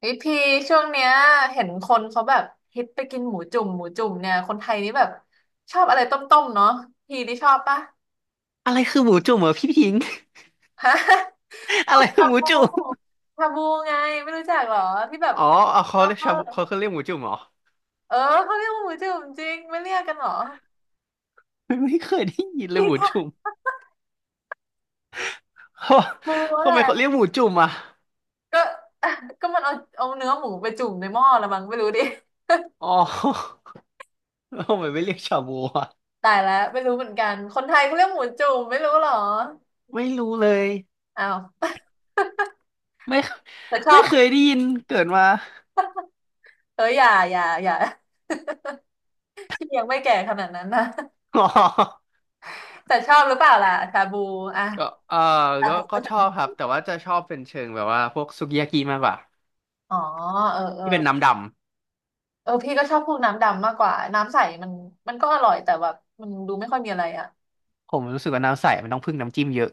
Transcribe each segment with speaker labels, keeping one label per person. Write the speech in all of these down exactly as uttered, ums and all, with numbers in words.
Speaker 1: พี่พีช่วงเนี้ยเห็นคนเขาแบบฮิตไปกินหมูจุ่มหมูจุ่มเนี่ยคนไทยนี่แบบชอบอะไรต้มๆเนาะพี่นี่ชอบปะ
Speaker 2: อะไรคือหมูจุ่มเหรอพี่พิงค์
Speaker 1: ฮะ ช
Speaker 2: อะ
Speaker 1: อ
Speaker 2: ไร
Speaker 1: บ
Speaker 2: คือ
Speaker 1: ชา
Speaker 2: หมู
Speaker 1: บู
Speaker 2: จุ่ม
Speaker 1: ชาบูไงไม่รู้จักเหรอที่แบบ
Speaker 2: อ๋อเอาเขา
Speaker 1: เอ
Speaker 2: เรียกชาบูเขา
Speaker 1: อ
Speaker 2: เขาเรียกหมูจุ่มเหรอ
Speaker 1: เออเขาเรียกว่าหมูจุ่มจริงไม่เรียกกันเหรอ
Speaker 2: ไม่ไม่เคยได้ยินเลย
Speaker 1: พี่
Speaker 2: หมู
Speaker 1: ชา
Speaker 2: จุ่ม เขา
Speaker 1: บูแห
Speaker 2: ทำ
Speaker 1: ละ
Speaker 2: ไมเขาเรียกหมูจุ่มอ่ะ
Speaker 1: ก็ ก็มันเอาเอาเนื้อหมูไปจุ่มในหม้อละมั้งไม่รู้ดิ
Speaker 2: อ๋อ แล้วทำไมไม่เรียกชาบูอ่ะ
Speaker 1: ตายแล้วไม่รู้เหมือนกันคนไทยเขาเรียกหมูจุ่มไม่รู้เหรอ
Speaker 2: ไม่รู้เลย
Speaker 1: อ้าว
Speaker 2: ไม่
Speaker 1: แต่ชอ
Speaker 2: ไม่
Speaker 1: บ
Speaker 2: เคยได้ยินเกิดมา
Speaker 1: เอออย่าอย่าอย่า พี่ยังไม่แก่ขนาดนั้นนะ
Speaker 2: อ๋อ
Speaker 1: แต่ชอบหรือเปล่าล่ะชาบูอ่ะ
Speaker 2: ก็เออก็ก็ชอบครับแต่ว่าจะชอบเป็นเชิงแบบว่าพวกสุกิยากิมากกว่า
Speaker 1: อ๋อเออเออ
Speaker 2: ที่เป็นน้ำดำ
Speaker 1: เออพี่ก็ชอบพวกน้ำดำมากกว่าน้ำใสมันมันก็อร่อยแต่แบบมันดูไม่ค่อยมีอะไรอ่ะ
Speaker 2: ผมรู้สึกว่าน้ำใสมันต้องพึ่งน้ำจิ้มเยอะ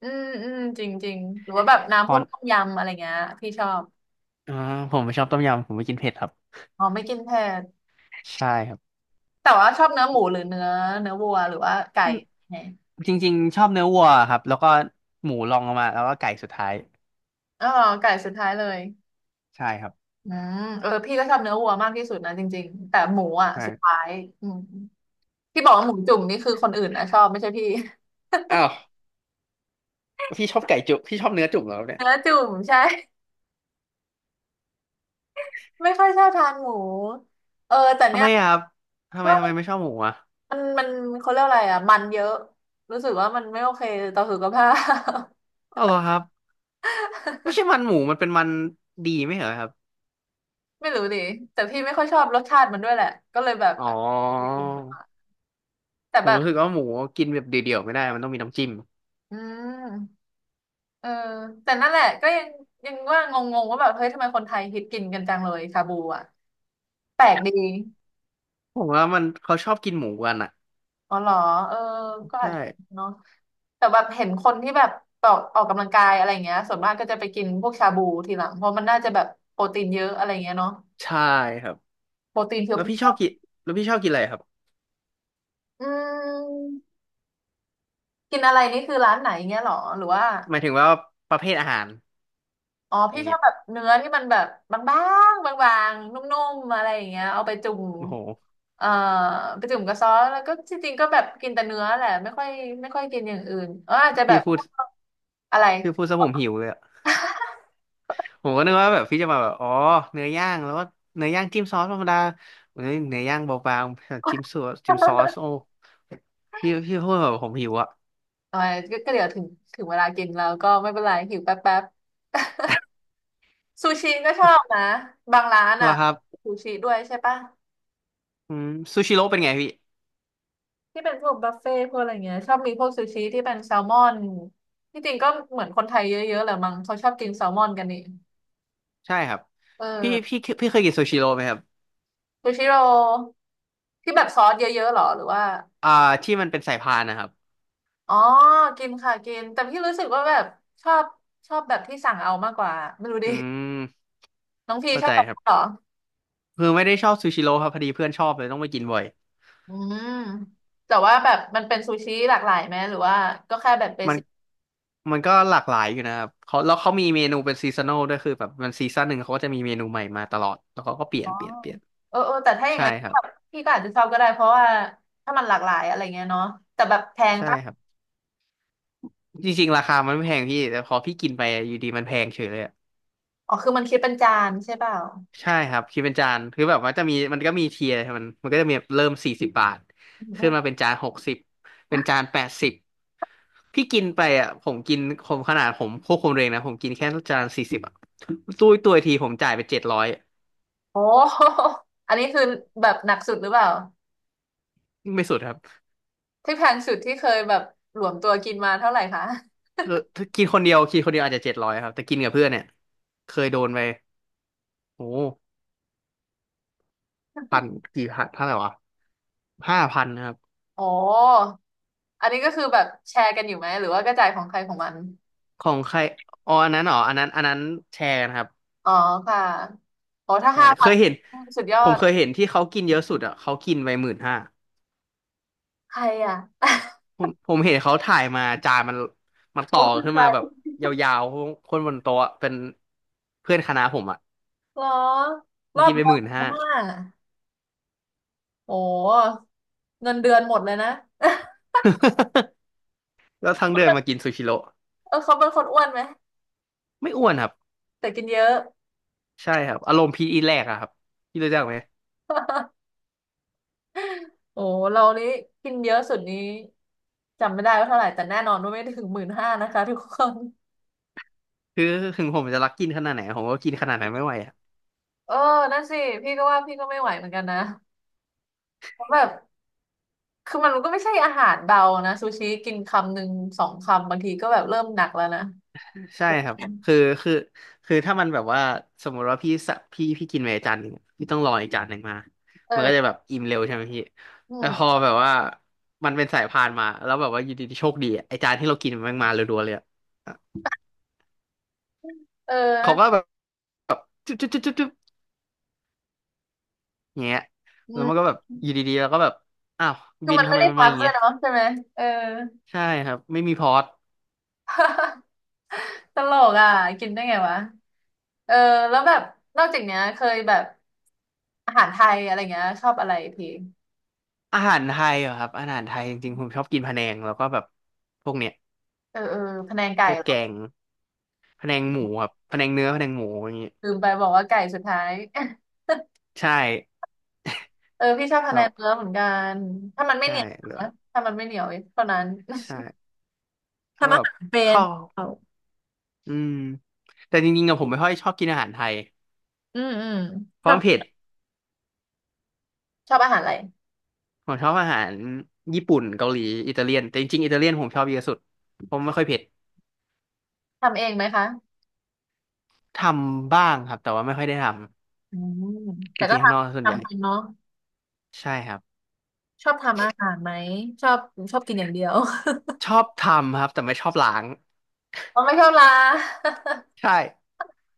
Speaker 1: อืมอืมจริงจริงหรือว่าแบบ
Speaker 2: เพ
Speaker 1: น้ำพว
Speaker 2: ราะ
Speaker 1: กต้มยำอะไรเงี้ยพี่ชอบ
Speaker 2: อ่าผมไม่ชอบต้มยำผมไม่กินเผ็ดครับ
Speaker 1: อ๋อไม่กินเผ็ด
Speaker 2: ใช่ครับ
Speaker 1: แต่ว่าชอบเนื้อหมูหรือเนื้อเนื้อวัวหรือว่าไก่ไง
Speaker 2: จริงๆชอบเนื้อวัวครับแล้วก็หมูรองลงมาแล้วก็ไก่สุดท้าย
Speaker 1: อ๋อไก่สุดท้ายเลย
Speaker 2: ใช่ครับ
Speaker 1: อืมเออพี่ก็ชอบเนื้อวัวมากที่สุดนะจริงๆแต่หมูอ่ะ
Speaker 2: ใช่
Speaker 1: สุดท้ายอืมที่บอกว่าหมูจุ่มนี่คือคนอื่นนะชอบไม่ใช่พี่
Speaker 2: อ้าวพี่ชอบไก่จุพี่ชอบเนื้อจุ่มเหรอครับเนี่ย
Speaker 1: เนื้อจุ่มใช่ ไม่ค่อยชอบทานหมูเออแต่
Speaker 2: ทำ
Speaker 1: เนี้
Speaker 2: ไม
Speaker 1: ย
Speaker 2: อะครับทำไม
Speaker 1: ก็
Speaker 2: ทำไมไม่ชอบหมูอ่ะ
Speaker 1: มันมันเขาเรียกอะไรอ่ะมันเยอะรู้สึกว่ามันไม่โอเคต่อสุขภาพ
Speaker 2: อ๋อเหรอครับไม่ใช่ มันหมูมันเป็นมันดีไม่เหรอครับ
Speaker 1: ไม่รู้ดิแต่พี่ไม่ค่อยชอบรสชาติมันด้วยแหละก็เลยแบบ
Speaker 2: อ๋อ
Speaker 1: แต่
Speaker 2: ผ
Speaker 1: แบ
Speaker 2: ม
Speaker 1: บ
Speaker 2: รู้สึกว่าหมูกินแบบเดี่ยวๆไม่ได้มันต้องมีน้ำจิ้ม
Speaker 1: อืมเออแต่นั่นแหละก็ยังยังว่างงๆว่าแบบเฮ้ยทำไมคนไทยฮิตกินกันจังเลยชาบูอ่ะแปลกดี
Speaker 2: ผมว่ามันเขาชอบกินหมูกันอ่ะ
Speaker 1: อ๋อเหรอเออก็อา
Speaker 2: ใช่
Speaker 1: จจะเนาะแต่แบบเห็นคนที่แบบออกออกกำลังกายอะไรเงี้ยส่วนมากก็จะไปกินพวกชาบูทีหลังเพราะมันน่าจะแบบโปรตีนเยอะอะไรเงี้ยเนาะ
Speaker 2: ใช่ครับ
Speaker 1: โปรตีนเพียว
Speaker 2: แล้วพี่ชอบกินแล้วพี่ชอบกินอะไรครับ
Speaker 1: ๆอืมกินอะไรนี่คือร้านไหนเงี้ยเหรอหรือว่า
Speaker 2: หมายถึงว่าประเภทอาหาร
Speaker 1: อ๋อ
Speaker 2: อ
Speaker 1: พี่
Speaker 2: ย่าง
Speaker 1: ชอ
Speaker 2: เงี้
Speaker 1: บ
Speaker 2: ย
Speaker 1: แบบเนื้อที่มันแบบบางๆบางๆนุ่มๆอะไรอย่างเงี้ยเอาไปจุ่ม
Speaker 2: โอ้โห
Speaker 1: เอ่อไปจุ่มกับซอสแล้วก็จริงๆก็แบบกินแต่เนื้อแหละไม่ค่อยไม่ค่อยกินอย่างอื่นเอออาจจะแบ
Speaker 2: พี่
Speaker 1: บ
Speaker 2: พูด
Speaker 1: อะไร
Speaker 2: พี่พูดซะผมหิวเลยอะ ผมก็นึกว่าแบบพี่จะมาแบบอ๋อเนื้อย่างแล้วก็เนื้อย่างจิ้มซอสธรรมดาเนื้อเนื้อย่างเบาๆจิ้มซอสจิ้มซอสโอ้พี่พี่พูดแบบผมหิวอะ
Speaker 1: เออยก็ก็เดี๋ยวถึงถึงเวลากินแล้วก็ไม่เป็นไรหิวแป๊บแป๊บ ซูชิก็ชอบนะบางร้านอ่ะ
Speaker 2: แล้วครับ
Speaker 1: ซูชิด้วยใช่ปะ
Speaker 2: อืมซูชิโร่เป็นไงพี่
Speaker 1: ที่เป็นพวกบุฟเฟ่ต์พวกอะไรเงี้ยชอบมีพวกซูชิที่เป็นแซลมอนที่จริงก็เหมือนคนไทยเยอะๆแหละมั้งเขาชอบกินแซลมอนกันนี่
Speaker 2: ใช่ครับ
Speaker 1: เอ
Speaker 2: พี่
Speaker 1: อ
Speaker 2: พี่พี่เคยกินซูชิโร่ไหมครับ
Speaker 1: ซูชิโรที่แบบซอสเยอะๆหรอหรือว่า
Speaker 2: อ่าที่มันเป็นสายพานนะครับ
Speaker 1: อ๋อกินค่ะกินแต่พี่รู้สึกว่าแบบชอบชอบแบบที่สั่งเอามากกว่าไม่รู้ดิ
Speaker 2: อืม
Speaker 1: น้องพี
Speaker 2: เข้า
Speaker 1: ชอ
Speaker 2: ใจ
Speaker 1: บแบบ
Speaker 2: ครั
Speaker 1: นั้นเหรอ
Speaker 2: บคือไม่ได้ชอบซูชิโร่ครับพอดีเพื่อนชอบเลยต้องไปกินบ่อย
Speaker 1: อืมแต่ว่าแบบมันเป็นซูชิหลากหลายไหมหรือว่าก็แค่แบบเบ
Speaker 2: มัน
Speaker 1: สิก
Speaker 2: มันก็หลากหลายอยู่นะครับเขาแล้วเขามีเมนูเป็นซีซัน a ลด้วยคือแบบมันซีซั่นหนึ่งเขาก็จะมีเมนูใหม่มาตลอดแล้วเขาก็เปลี่ย
Speaker 1: อ๋
Speaker 2: น
Speaker 1: อ
Speaker 2: เปลี่ยนเปลี่ยน
Speaker 1: เออเออแต่ถ้าอย่าง
Speaker 2: ใช่
Speaker 1: นั้น
Speaker 2: ครับ
Speaker 1: แบบพี่ก็อาจจะชอบก็ได้เพราะว่าถ้ามันหลากหลายอะไรเงี้ยเนาะแต่แบบแพง
Speaker 2: ใช่
Speaker 1: ปะ
Speaker 2: ครับจริงๆราคามันไม่แพงพี่แต่พอพี่กินไปอยู่ดีมันแพงเฉยเลยอะ
Speaker 1: อ๋อคือมันคิดเป็นจานใช่เปล่า
Speaker 2: ใช่ครับคิดเป็นจานคือแบบว่าจะมีมันก็มีเทียร์มันมันก็จะมีเริ่มสี่สิบบาท
Speaker 1: อื
Speaker 2: ขึ้นมา
Speaker 1: ม
Speaker 2: เป็นจานหกสิบเป็นจานแปดสิบพี่กินไปอ่ะผมกินผมขนาดผมควบคุมเองนะผมกินแค่จานสี่สิบอ่ะตู้ยตัวทีผมจ่ายไปเจ็ดร้อย
Speaker 1: โอ้ อันนี้คือแบบหนักสุดหรือเปล่า
Speaker 2: ไม่สุดครับ
Speaker 1: ที่แพงสุดที่เคยแบบหลวมตัวกินมาเท่าไหร่คะ
Speaker 2: คือถ้ากินคนเดียวกินคนเดียวอาจจะเจ็ดร้อยครับแต่กินกับเพื่อนเนี่ยเคยโดนไปโอ้พันกี่พันเท่าไหร่วะห้าพัน
Speaker 1: โอ้อันนี้ก็คือแบบแชร์กันอยู่ไหมหรือว่ากระจายของใครของมัน
Speaker 2: ของใครอ๋ออันนั้นเหรออันนั้นอันนั้นแชร์กันครับ
Speaker 1: อ๋อค่ะโอ้ถ้า
Speaker 2: ใช่
Speaker 1: ห้า
Speaker 2: เค
Speaker 1: พัน
Speaker 2: ยเห็น
Speaker 1: สุดยอ
Speaker 2: ผม
Speaker 1: ด
Speaker 2: เคยเห็นที่เขากินเยอะสุดอ่ะเขากินไปหมื่นห้า
Speaker 1: ใครอ่ะ
Speaker 2: ผมผมเห็นเขาถ่ายมาจานมันมันต่
Speaker 1: เขา
Speaker 2: อ
Speaker 1: คือ
Speaker 2: ขึ้น
Speaker 1: ใคร
Speaker 2: มาแบบยาวๆคนบนโต๊ะอะเป็นเพื่อนคณะผมอ่ะ
Speaker 1: เหรอร
Speaker 2: มัน
Speaker 1: อ
Speaker 2: กิ
Speaker 1: บ
Speaker 2: นไป
Speaker 1: เดีย
Speaker 2: ห
Speaker 1: ว
Speaker 2: มื่
Speaker 1: ห
Speaker 2: น
Speaker 1: มดหน
Speaker 2: ห้า
Speaker 1: ห้าโอ้เงินเดือนหมดเลยนะ
Speaker 2: แล้วทั้งเดือนมากินซูชิโร่
Speaker 1: เออเขาเป็นคนอ้วนไหม
Speaker 2: ไม่อ้วนครับ
Speaker 1: แต่กินเยอะ
Speaker 2: ใช่ครับอารมณ์พีทอีทแรกอะครับพี่รู้จักไหม
Speaker 1: โอ้เรานี้กินเยอะสุดนี้จำไม่ได้ว่าเท่าไหร่แต่แน่นอนว่าไม่ถึงหมื่นห้านะคะทุกคน
Speaker 2: คือถึงผมจะรักกินขนาดไหนผมก็กินขนาดนั้นไม่ไหว
Speaker 1: เออนั่นสิพี่ก็ว่าพี่ก็ไม่ไหวเหมือนกันนะเพราะแบบคือมันก็ไม่ใช่อาหารเบานะซูชิกินคำหนึ่งสองคำบางทีก็แบบเริ่มหนักแล้วนะ
Speaker 2: ใช่ครับคือคือคือถ้ามันแบบว่าสมมติว่าพี่สะพี่พี่กินไปจานหนึ่งพี่ต้องรออีกจานหนึ่งมา
Speaker 1: เอ
Speaker 2: มันก็จะ
Speaker 1: อ
Speaker 2: แบบอิ่มเร็วใช่ไหมพี่
Speaker 1: อื
Speaker 2: แต่
Speaker 1: ม
Speaker 2: พอแบบว่ามันเป็นสายพานมาแล้วแบบว่าอยู่ดีๆโชคดีอะไอจานที่เรากินมันมาเรัวๆเลยอะ
Speaker 1: เออ
Speaker 2: เขาก็แบบจุ๊บจุ๊บจุ๊บจุ๊บจุ๊บอย่างเงี้ย
Speaker 1: อื
Speaker 2: แล้วมันก็
Speaker 1: ม
Speaker 2: แบบอยู่ดีๆแล้วก็แบบอ้าว
Speaker 1: คือ
Speaker 2: บิน
Speaker 1: มัน
Speaker 2: ทำ
Speaker 1: ไม่
Speaker 2: ไม
Speaker 1: ได้
Speaker 2: มันมา
Speaker 1: พั
Speaker 2: อ
Speaker 1: ก
Speaker 2: ย่าง
Speaker 1: ด้ว
Speaker 2: เงี้
Speaker 1: ย
Speaker 2: ย
Speaker 1: เนาะใช่ไหมเออ
Speaker 2: ใช่ครับไม่มีพอร์ต
Speaker 1: ตลกอ่ะกินได้ไงวะเออแล้วแบบนอกจากเนี้ยเคยแบบอาหารไทยอะไรเงี้ยชอบอะไรพี่
Speaker 2: อาหารไทยเหรอครับอาหารไทยจริงๆผมชอบกินพะแนงแล้วก็แบบพวกเนี้ย
Speaker 1: เออเออพะแนงไก่
Speaker 2: พวก
Speaker 1: เหร
Speaker 2: แก
Speaker 1: อ
Speaker 2: งพะแนงหมูครับพะแนงเนื้อพะแนงหมูอย่างเงี้ย
Speaker 1: ลืมไปบอกว่าไก่สุดท้าย
Speaker 2: ใช่
Speaker 1: เออพี่ชอบพะแน
Speaker 2: แบบ
Speaker 1: งเนื้อเหมือนกันถ้ามันไม่เห
Speaker 2: ใช่
Speaker 1: นียว
Speaker 2: เหรอ
Speaker 1: นะถ้ามันไม่เหนียวเท่านั้น
Speaker 2: ใช่แล้ว
Speaker 1: ทำ
Speaker 2: แบ
Speaker 1: อา
Speaker 2: บ
Speaker 1: หารเป็น
Speaker 2: ข้าว
Speaker 1: เอา
Speaker 2: อืมแต่จริงๆอะผมไม่ค่อยชอบกินอาหารไทย
Speaker 1: อืมอืม
Speaker 2: เพ
Speaker 1: ช
Speaker 2: ราะ
Speaker 1: อ
Speaker 2: มั
Speaker 1: บ
Speaker 2: นเผ็ด
Speaker 1: ชอบอาหารอะไร
Speaker 2: ผมชอบอาหารญี่ปุ่นเกาหลีอิตาเลียนแต่จริงๆอิตาเลียนผมชอบเยอะสุดผมไม่ค่อยเผ็ด
Speaker 1: ทำเองไหมคะ
Speaker 2: ทำบ้างครับแต่ว่าไม่ค่อยได้ท
Speaker 1: อืม
Speaker 2: ำไป
Speaker 1: แต่
Speaker 2: กิ
Speaker 1: ก็
Speaker 2: น
Speaker 1: ท
Speaker 2: ข้างนอกส่
Speaker 1: ำ
Speaker 2: วนใหญ่
Speaker 1: ทำเป็นเนาะ
Speaker 2: ใช่ครับ
Speaker 1: ชอบทำอาหารไหมชอบชอบกินอย่างเดียว
Speaker 2: ชอบทำครับแต่ไม่ชอบล้าง
Speaker 1: อ๋อไม่ชอบลา
Speaker 2: ใช่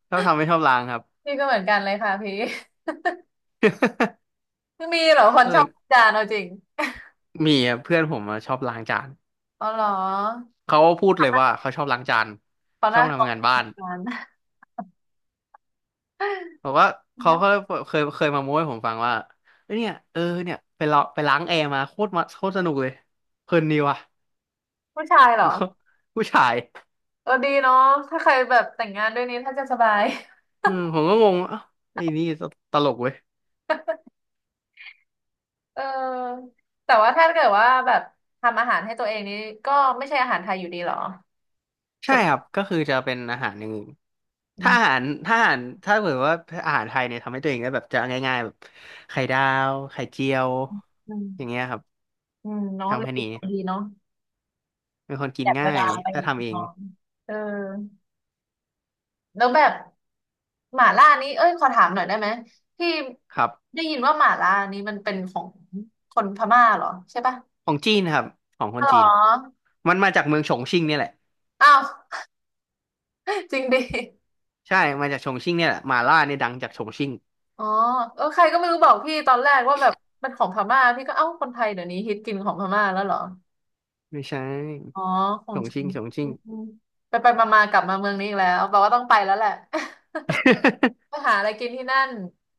Speaker 2: ชอบทำไม่ชอบล้างครับ
Speaker 1: พี่ก็เหมือนกันเลยค่ะพี่ มีเหรอคน
Speaker 2: ก็
Speaker 1: ช
Speaker 2: เล
Speaker 1: อ
Speaker 2: ย
Speaker 1: บอาจานเอาจริง
Speaker 2: มีเพื่อนผมอะชอบล้างจาน
Speaker 1: อ๋อเหรอ
Speaker 2: เขาพูดเลยว่าเขาชอบล้างจาน
Speaker 1: เขา
Speaker 2: ช
Speaker 1: ห
Speaker 2: อบ
Speaker 1: น้าตร
Speaker 2: ทำ
Speaker 1: ง
Speaker 2: งานบ้าน
Speaker 1: กัน
Speaker 2: บอกว่าเขาก็ เคยเคยมาโม้ให้ผมฟังว่าเอ้ยเนี่ยเออเนี่ยไปลองไปล้างแอร์มาโคตรมาโคตรสนุกเลยเพลินดีว่ะ
Speaker 1: ผู้ชายเหรอ
Speaker 2: ก็ผู้ชาย
Speaker 1: เออดีเนาะถ้าใครแบบแต่งงานด้วยนี้ถ้าจะสบาย
Speaker 2: อืมผมก็งงว่าเอ้าไอ้นี่ตลกเว้ย
Speaker 1: เออแต่ว่าถ้าเกิดว่าแบบทำอาหารให้ตัวเองนี้ก็ไม่ใช่อาหารไทยอยู่ดีเหรอ
Speaker 2: ใช่
Speaker 1: สุ
Speaker 2: ครั
Speaker 1: ด
Speaker 2: บก็คือจะเป็นอาหารอย่างอื่น
Speaker 1: อื
Speaker 2: ถ้าอา
Speaker 1: ม
Speaker 2: หารถ้าอาหารถ้าเกิดว่าอาหารไทยเนี่ยทำให้ตัวเองได้แบบจะง่ายๆแบบไข่ดาวไข่เจียว
Speaker 1: อื
Speaker 2: อย่างเงี้
Speaker 1: ม
Speaker 2: ยครับ
Speaker 1: อืมเนาะ
Speaker 2: ทำ
Speaker 1: รู้
Speaker 2: แค่
Speaker 1: สึก
Speaker 2: นี้
Speaker 1: ดีเนาะ
Speaker 2: เป็นคนกิ
Speaker 1: อ
Speaker 2: น
Speaker 1: ยากเว
Speaker 2: ง่า
Speaker 1: ลา
Speaker 2: ย
Speaker 1: อะไรอ
Speaker 2: ถ้า
Speaker 1: ย่าง
Speaker 2: ทำ
Speaker 1: เงี้ย
Speaker 2: เอง
Speaker 1: เนาะเออ แล้วแบบหม่าล่านี้เอ้ยขอถามหน่อยได้ไหมที่
Speaker 2: ครับ
Speaker 1: ได้ยินว่าหม่าล่านี้มันเป็นของคนพม่าเหรอใช่ปะ
Speaker 2: ของจีนครับของค
Speaker 1: อ๋
Speaker 2: น
Speaker 1: อ
Speaker 2: จีนมันมาจากเมืองฉงชิ่งเนี่ยแหละ
Speaker 1: อ้าว จริงดิ
Speaker 2: ใช่มาจากชงชิ่งเนี่ยแหละหมาล่าเนี่ยดังจากชงชิ่ง
Speaker 1: อ๋อเออใครก็ไม่รู้บอกพี่ตอนแรกว่าแบบมันของพม่าพี่ก็เอ้าคนไทยเดี๋ยวนี้ฮิตกินของพม่าแล้วเหรอ
Speaker 2: ไม่ใช่
Speaker 1: อ๋อขอ
Speaker 2: ช
Speaker 1: ง
Speaker 2: ง
Speaker 1: จริ
Speaker 2: ชิ่
Speaker 1: ง
Speaker 2: งชงชิ่ง
Speaker 1: ไปไปมาๆกลับมาเมืองนี้อีกแล้วแปลว่าต้องไปแล้วแหละ ไป หาอะไรกินที่นั่น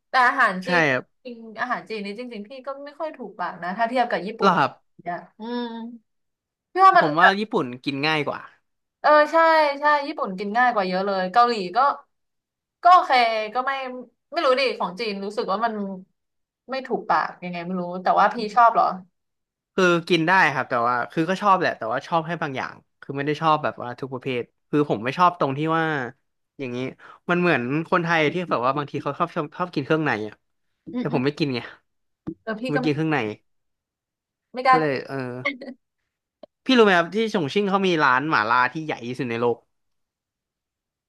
Speaker 1: แต่อาหารจี
Speaker 2: ใช่
Speaker 1: น
Speaker 2: ครับ
Speaker 1: จริงอาหารจีนนี่จริงๆพี่ก็ไม่ค่อยถูกปากนะถ้าเทียบกับญี่
Speaker 2: ห
Speaker 1: ปุ่
Speaker 2: ร
Speaker 1: น
Speaker 2: อครับ
Speaker 1: เนี่ยอืมพี่ว่ามั
Speaker 2: ผ
Speaker 1: น
Speaker 2: ม
Speaker 1: แบ
Speaker 2: ว่า
Speaker 1: บ
Speaker 2: ญี่ปุ่นกินง่ายกว่า
Speaker 1: เออใช่ใช่ญี่ปุ่นกินง่ายกว่าเยอะเลยเกาหลีก็ก็โอเคก็ไม่ไม่รู้ดิของจีนรู้สึกว่ามันไม่ถูกปากยังไงไม่รู้แต่ว่าพี่ชอบเหรอ
Speaker 2: คือกินได้ครับแต่ว่าคือก็ชอบแหละแต่ว่าชอบให้บางอย่างคือไม่ได้ชอบแบบว่าทุกประเภทคือผมไม่ชอบตรงที่ว่าอย่างนี้มันเหมือนคนไทยที่แบบว่าบางทีเขาชอบชอบชอบกินเครื่องในอ่ะ
Speaker 1: อืม
Speaker 2: แต่
Speaker 1: อื
Speaker 2: ผ
Speaker 1: ม
Speaker 2: มไม่กินไง
Speaker 1: เออ
Speaker 2: ผ
Speaker 1: พี่
Speaker 2: ม
Speaker 1: ก็
Speaker 2: ไม่
Speaker 1: ไม่
Speaker 2: กินเครื่องใน
Speaker 1: ไม่กล้า
Speaker 2: ก็เลยเออพี่รู้ไหมครับที่ฉงชิ่งเขามีร้านหม่าล่าที่ใหญ่ที่สุดในโลก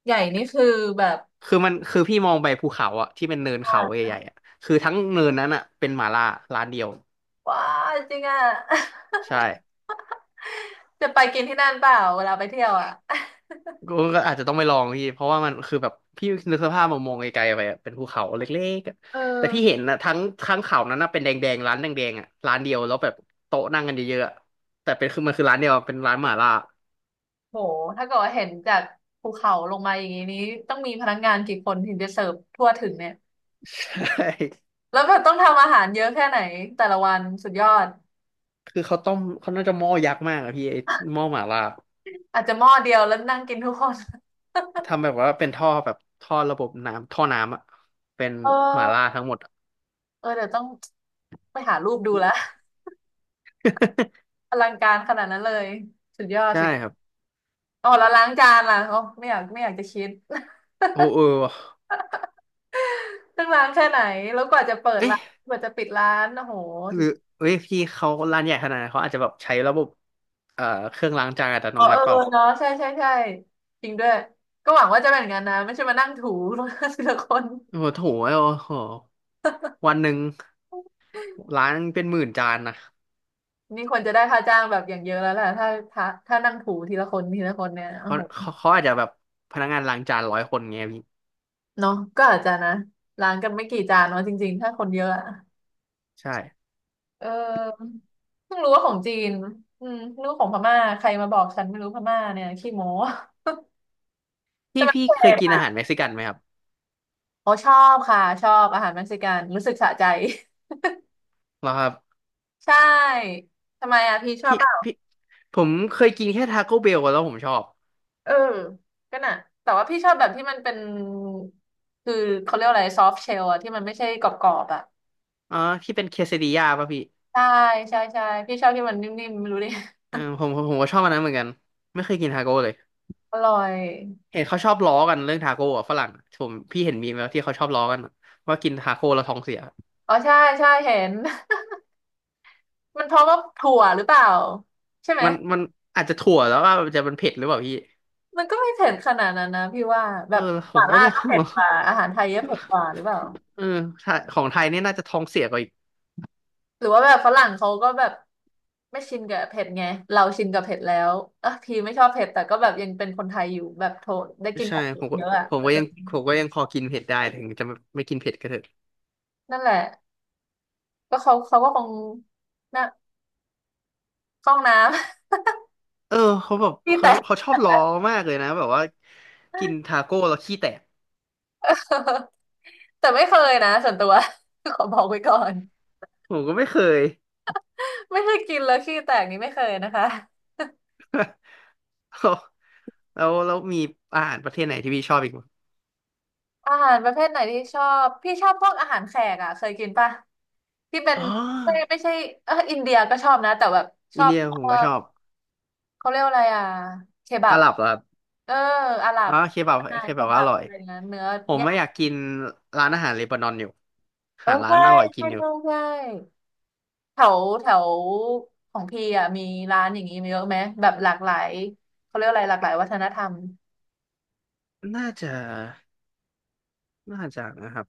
Speaker 1: ใหญ่นี่คือแบบ
Speaker 2: คือมันคือพี่มองไปภูเขาอะที่เป็นเนิน
Speaker 1: อ่
Speaker 2: เขา
Speaker 1: า
Speaker 2: ใหญ่ๆอะคือทั้งเนินนั้นอะเป็นหม่าล่าร้านเดียว
Speaker 1: ว้าจริงอ่ะ
Speaker 2: ใช่
Speaker 1: จะไปกินที่นั่นเปล่าเวลาไปเที่ยวอ่ะ
Speaker 2: ก็ก็อาจจะต้องไปลองพี่เพราะว่ามันคือแบบพี่นึกสภาพมามองไกลๆไปอะเป็นภูเขาเล็กๆอะ
Speaker 1: เ
Speaker 2: แต่พี่
Speaker 1: ออ
Speaker 2: เห็นนะทั้งทั้งเขานั้นนะเป็นแดงๆร้านแดงๆอะร้านเดียวแล้วแบบโต๊ะนั่งกันเยอะๆอะแต่เป็นคือมันคือร้านเดียวอะเป็นร้านหม่าล่า
Speaker 1: โหถ้าเกิดว่าเห็นจากภูเขาลงมาอย่างนี้นี้ต้องมีพนักงานกี่คนถึงจะเสิร์ฟทั่วถึงเนี่ย
Speaker 2: ใช่
Speaker 1: แล้วแบบต้องทำอาหารเยอะแค่ไหนแต่ละวันสุดยอด
Speaker 2: คือเขาต้มเขาน่าจะหม้อยักษ์มากอะพี่ไอ้หม้อหม่าล่า
Speaker 1: อาจจะหม้อเดียวแล้วนั่งกินทุกคน
Speaker 2: ทำแบบว่าเป็นท่อแบบท่อระบบน้ำท่อน้ำอะเป็น
Speaker 1: เอ
Speaker 2: หม่าล่า
Speaker 1: อ
Speaker 2: ทั้งหมดอะ
Speaker 1: เออเดี๋ยวต้องไปหารูปดูละอลังการขนาดนั้นเลยสุดยอด
Speaker 2: ใช่
Speaker 1: สิ
Speaker 2: ครับ
Speaker 1: อ๋อแล้วล้างจานล่ะอ๋อไม่อยากไม่อยากจะคิด
Speaker 2: โอ้เออว่ะ
Speaker 1: ต้องล้างแค่ไหนแล้วกว่าจะเปิดร้า
Speaker 2: เอ๊ะ
Speaker 1: นกว่าจะปิดร้านโอ้โห
Speaker 2: ห
Speaker 1: สุ
Speaker 2: รื
Speaker 1: ด
Speaker 2: อเอ้ยพี่เขาร้านใหญ่ขนาดนั้นเขาอาจจะแบบใช้ระบบเอ่อเครื่องล้างจานอัตโน
Speaker 1: อ๋อ
Speaker 2: มั
Speaker 1: เอ
Speaker 2: ติเป
Speaker 1: อ
Speaker 2: ล่า
Speaker 1: เนาะใช่ใช่ใช่จริงด้วยก็หวังว่าจะเป็นอย่างนั้นนะไม่ใช่มานั่งถู ทีละคน
Speaker 2: โอ้โหโถโอ้โหวันหนึ่งล้างเป็นหมื่นจานนะ
Speaker 1: นี่ควรจะได้ค่าจ้างแบบอย่างเยอะแล้วแหละถ้าถ้าถ้านั่งถูทีละคนทีละคนเนี่ยโอ้
Speaker 2: เขา
Speaker 1: โห
Speaker 2: เขาเขาอาจจะแบบพนักงานล้างจานร้อยคนเงี้ยพี่
Speaker 1: เนาะก็อาจจะนะล้างกันไม่กี่จานเนาะจริงๆถ้าคนเยอะอะ
Speaker 2: ใช่
Speaker 1: เออเพิ่งรู้ว่าของจีนอืมเพิ่งรู้ของพม่าใครมาบอกฉันไม่รู้พม่าเนี่ยขี้โม้แต่
Speaker 2: พี่
Speaker 1: มัน
Speaker 2: พี่
Speaker 1: เผ็
Speaker 2: เคย
Speaker 1: ด
Speaker 2: กิน
Speaker 1: อ่ะ
Speaker 2: อาหารเม็กซิกันไหมครับ
Speaker 1: โอ้ชอบค่ะชอบอาหารเม็กซิกันรู้สึกสะใจ
Speaker 2: เหรอครับ
Speaker 1: ใช่ทำไมอ่ะพี่ชอบ
Speaker 2: พี่
Speaker 1: เปล่า
Speaker 2: พี่ผมเคยกินแค่ทาโก้เบลแล้วผมชอบ
Speaker 1: เออก็น่ะแต่ว่าพี่ชอบแบบที่มันเป็นคือเขาเรียกว่าอะไรซอฟต์เชลอะที่มันไม่ใช่กรอบๆอะ
Speaker 2: อ๋อที่เป็นเคซดิยาป่ะพี่
Speaker 1: ใช่ใช่ใช่พี่ชอบที่มันนิ่มๆไม่รู้ดิ
Speaker 2: เออผมผมผมก็ชอบอันนั้นเหมือนกันไม่เคยกินทาโก้เลย
Speaker 1: อร่อย
Speaker 2: เห็นเขาชอบล้อกันเรื่องทาโก้อะฝรั่งผมพี่เห็นมีมแล้วที่เขาชอบล้อกันอะว่ากินทาโก้แล้วท้องเสีย
Speaker 1: อ๋อใช่ใช่เห็น มันเพราะว่าถั่วหรือเปล่าใช่ไหม
Speaker 2: มันมันอาจจะถั่วแล้วว่าจะมันเผ็ดหรือเปล่าพี่
Speaker 1: มันก็ไม่เผ็ดขนาดนั้นนะพี่ว่าแบ
Speaker 2: เออ
Speaker 1: บ
Speaker 2: ผ
Speaker 1: ห
Speaker 2: ม
Speaker 1: ม่า
Speaker 2: ก็
Speaker 1: ล่า
Speaker 2: ง
Speaker 1: ก็
Speaker 2: ง
Speaker 1: เผ็ด
Speaker 2: อะ
Speaker 1: กว่าอาหารไทยก็เผ็ดกว่าหรือเปล่า
Speaker 2: เออไทยของไทยเนี่ยน่าจะท้องเสียกว่าอีก
Speaker 1: หรือว่าแบบฝรั่งเขาก็แบบไม่ชินกับเผ็ดไงเราชินกับเผ็ดแล้วอ่ะพี่ไม่ชอบเผ็ดแต่ก็แบบยังเป็นคนไทยอยู่แบบโทษได้กินข
Speaker 2: ใช่
Speaker 1: อง
Speaker 2: ผมก็
Speaker 1: เยอะอ่ะ
Speaker 2: ผม
Speaker 1: เอ
Speaker 2: ก็
Speaker 1: อ
Speaker 2: ยังผมก็ยังพอกินเผ็ดได้ถึงจะไม่ไม่กินเผ็ดก็เถอะ
Speaker 1: นั่นแหละก็เขาเขาก็คงน่ะเข้าห้องน้
Speaker 2: เออเขาแบบ
Speaker 1: ำ พี่
Speaker 2: เขา
Speaker 1: แต่
Speaker 2: เขาชอบล้อมากเลยนะแบบว่ากินทาโก้แล้วขี้แตก
Speaker 1: แต่ไม่เคยนะส่วนตัว ขอบอกไว้ก่อน
Speaker 2: ผมก็ไม่เคย
Speaker 1: ไม่เคยกินแล้วขี้แตกนี้ไม่เคยนะคะ
Speaker 2: แล้วแล้วมีอาหารประเทศไหนที่พี่ชอบอีกมั้ย
Speaker 1: อาหารประเภทไหนที่ชอบพี่ชอบพวกอาหารแขกอ่ะเคยกินปะที่เป็น
Speaker 2: อ๋อ
Speaker 1: ไม่ไม่ใช่เอออินเดียก็ชอบนะแต่แบบช
Speaker 2: อิ
Speaker 1: อ
Speaker 2: น
Speaker 1: บ
Speaker 2: เดีย
Speaker 1: เอ
Speaker 2: ผม
Speaker 1: อ
Speaker 2: ก็ชอบ
Speaker 1: เขาเรียกว่าอะไรอ่ะเคบั
Speaker 2: อา
Speaker 1: บ
Speaker 2: หรับเหรอครับ
Speaker 1: เอออาหรั
Speaker 2: อ๋
Speaker 1: บ
Speaker 2: อเคบับ
Speaker 1: อาหาร
Speaker 2: เค
Speaker 1: เค
Speaker 2: บับว่า
Speaker 1: บั
Speaker 2: อ
Speaker 1: บ
Speaker 2: ร่อย
Speaker 1: อะไรนย่า้ยเนื้อ
Speaker 2: ผม
Speaker 1: ย่า
Speaker 2: ไม่
Speaker 1: ง
Speaker 2: อยากกินร้านอาหารเลบานอนอยู่
Speaker 1: เออ
Speaker 2: หาร้าน
Speaker 1: ใช่
Speaker 2: อร่อยกิ
Speaker 1: ใช่
Speaker 2: นอยู่
Speaker 1: ใช่ใช่แถวแถวของพี่อ่ะมีร้านอย่างนี้มีเยอะไหมแบบหลากหลายเขาเรียกว่าอะไรหลากหลายวัฒนธรรม
Speaker 2: น่าจะน่าจะนะครับ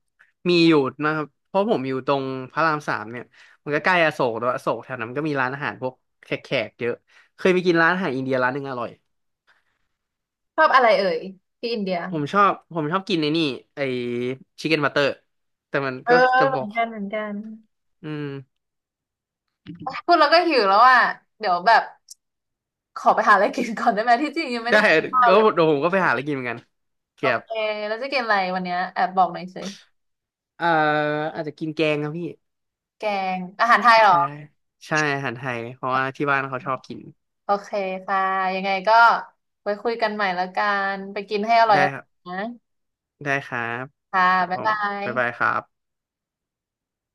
Speaker 2: มีอยู่นะครับเพราะผมอยู่ตรงพระรามสามเนี่ยมันก็ใกล้อโศกแล้วยอโศกแถวนั้นก็มีร้านอาหารพวกแขกๆเยอะเคยไปกินร้านอาหารอินเดียร้านหนึ่งอร่อย
Speaker 1: ชอบอะไรเอ่ยที่อินเดีย
Speaker 2: ผมชอบผมชอบกินไอ้นี่ไอ้ชิคเก้นบัตเตอร์แต่มัน
Speaker 1: เออ
Speaker 2: ก็จะ
Speaker 1: เห
Speaker 2: บ
Speaker 1: มื
Speaker 2: อ
Speaker 1: อน
Speaker 2: ก
Speaker 1: กันเหมือนกัน
Speaker 2: อืม
Speaker 1: พูดแล้วก็หิวแล้วอ่ะเดี๋ยวแบบขอไปหาอะไรกินก่อนได้ไหมที่จริงยังไม่
Speaker 2: ได้
Speaker 1: ได้กินข้าว
Speaker 2: ก็
Speaker 1: เลย
Speaker 2: เดี๋ยวผมก็ไปหาอะไรกินเหมือนกัน
Speaker 1: โอ
Speaker 2: เกียบ
Speaker 1: เคแล้วจะกินอะไรวันเนี้ยแอบบอกหน่อยสิ
Speaker 2: เอ่ออาจจะกินแกงครับพี่
Speaker 1: แกงอาหารไทยเหรอ
Speaker 2: ใช่ใช่อาหารไทย เพราะว่าที่บ้านเขาชอบกิน
Speaker 1: โอเคค่ะยังไงก็ไว้คุยกันใหม่แล้วกันไปกินให้อร่อย
Speaker 2: ได้ครับ
Speaker 1: ๆนะ
Speaker 2: ได้ครับ
Speaker 1: ค่ะ
Speaker 2: ครับ
Speaker 1: บ๊า
Speaker 2: ผ
Speaker 1: ย
Speaker 2: ม
Speaker 1: บา
Speaker 2: บ๊ายบายค
Speaker 1: ย
Speaker 2: รับ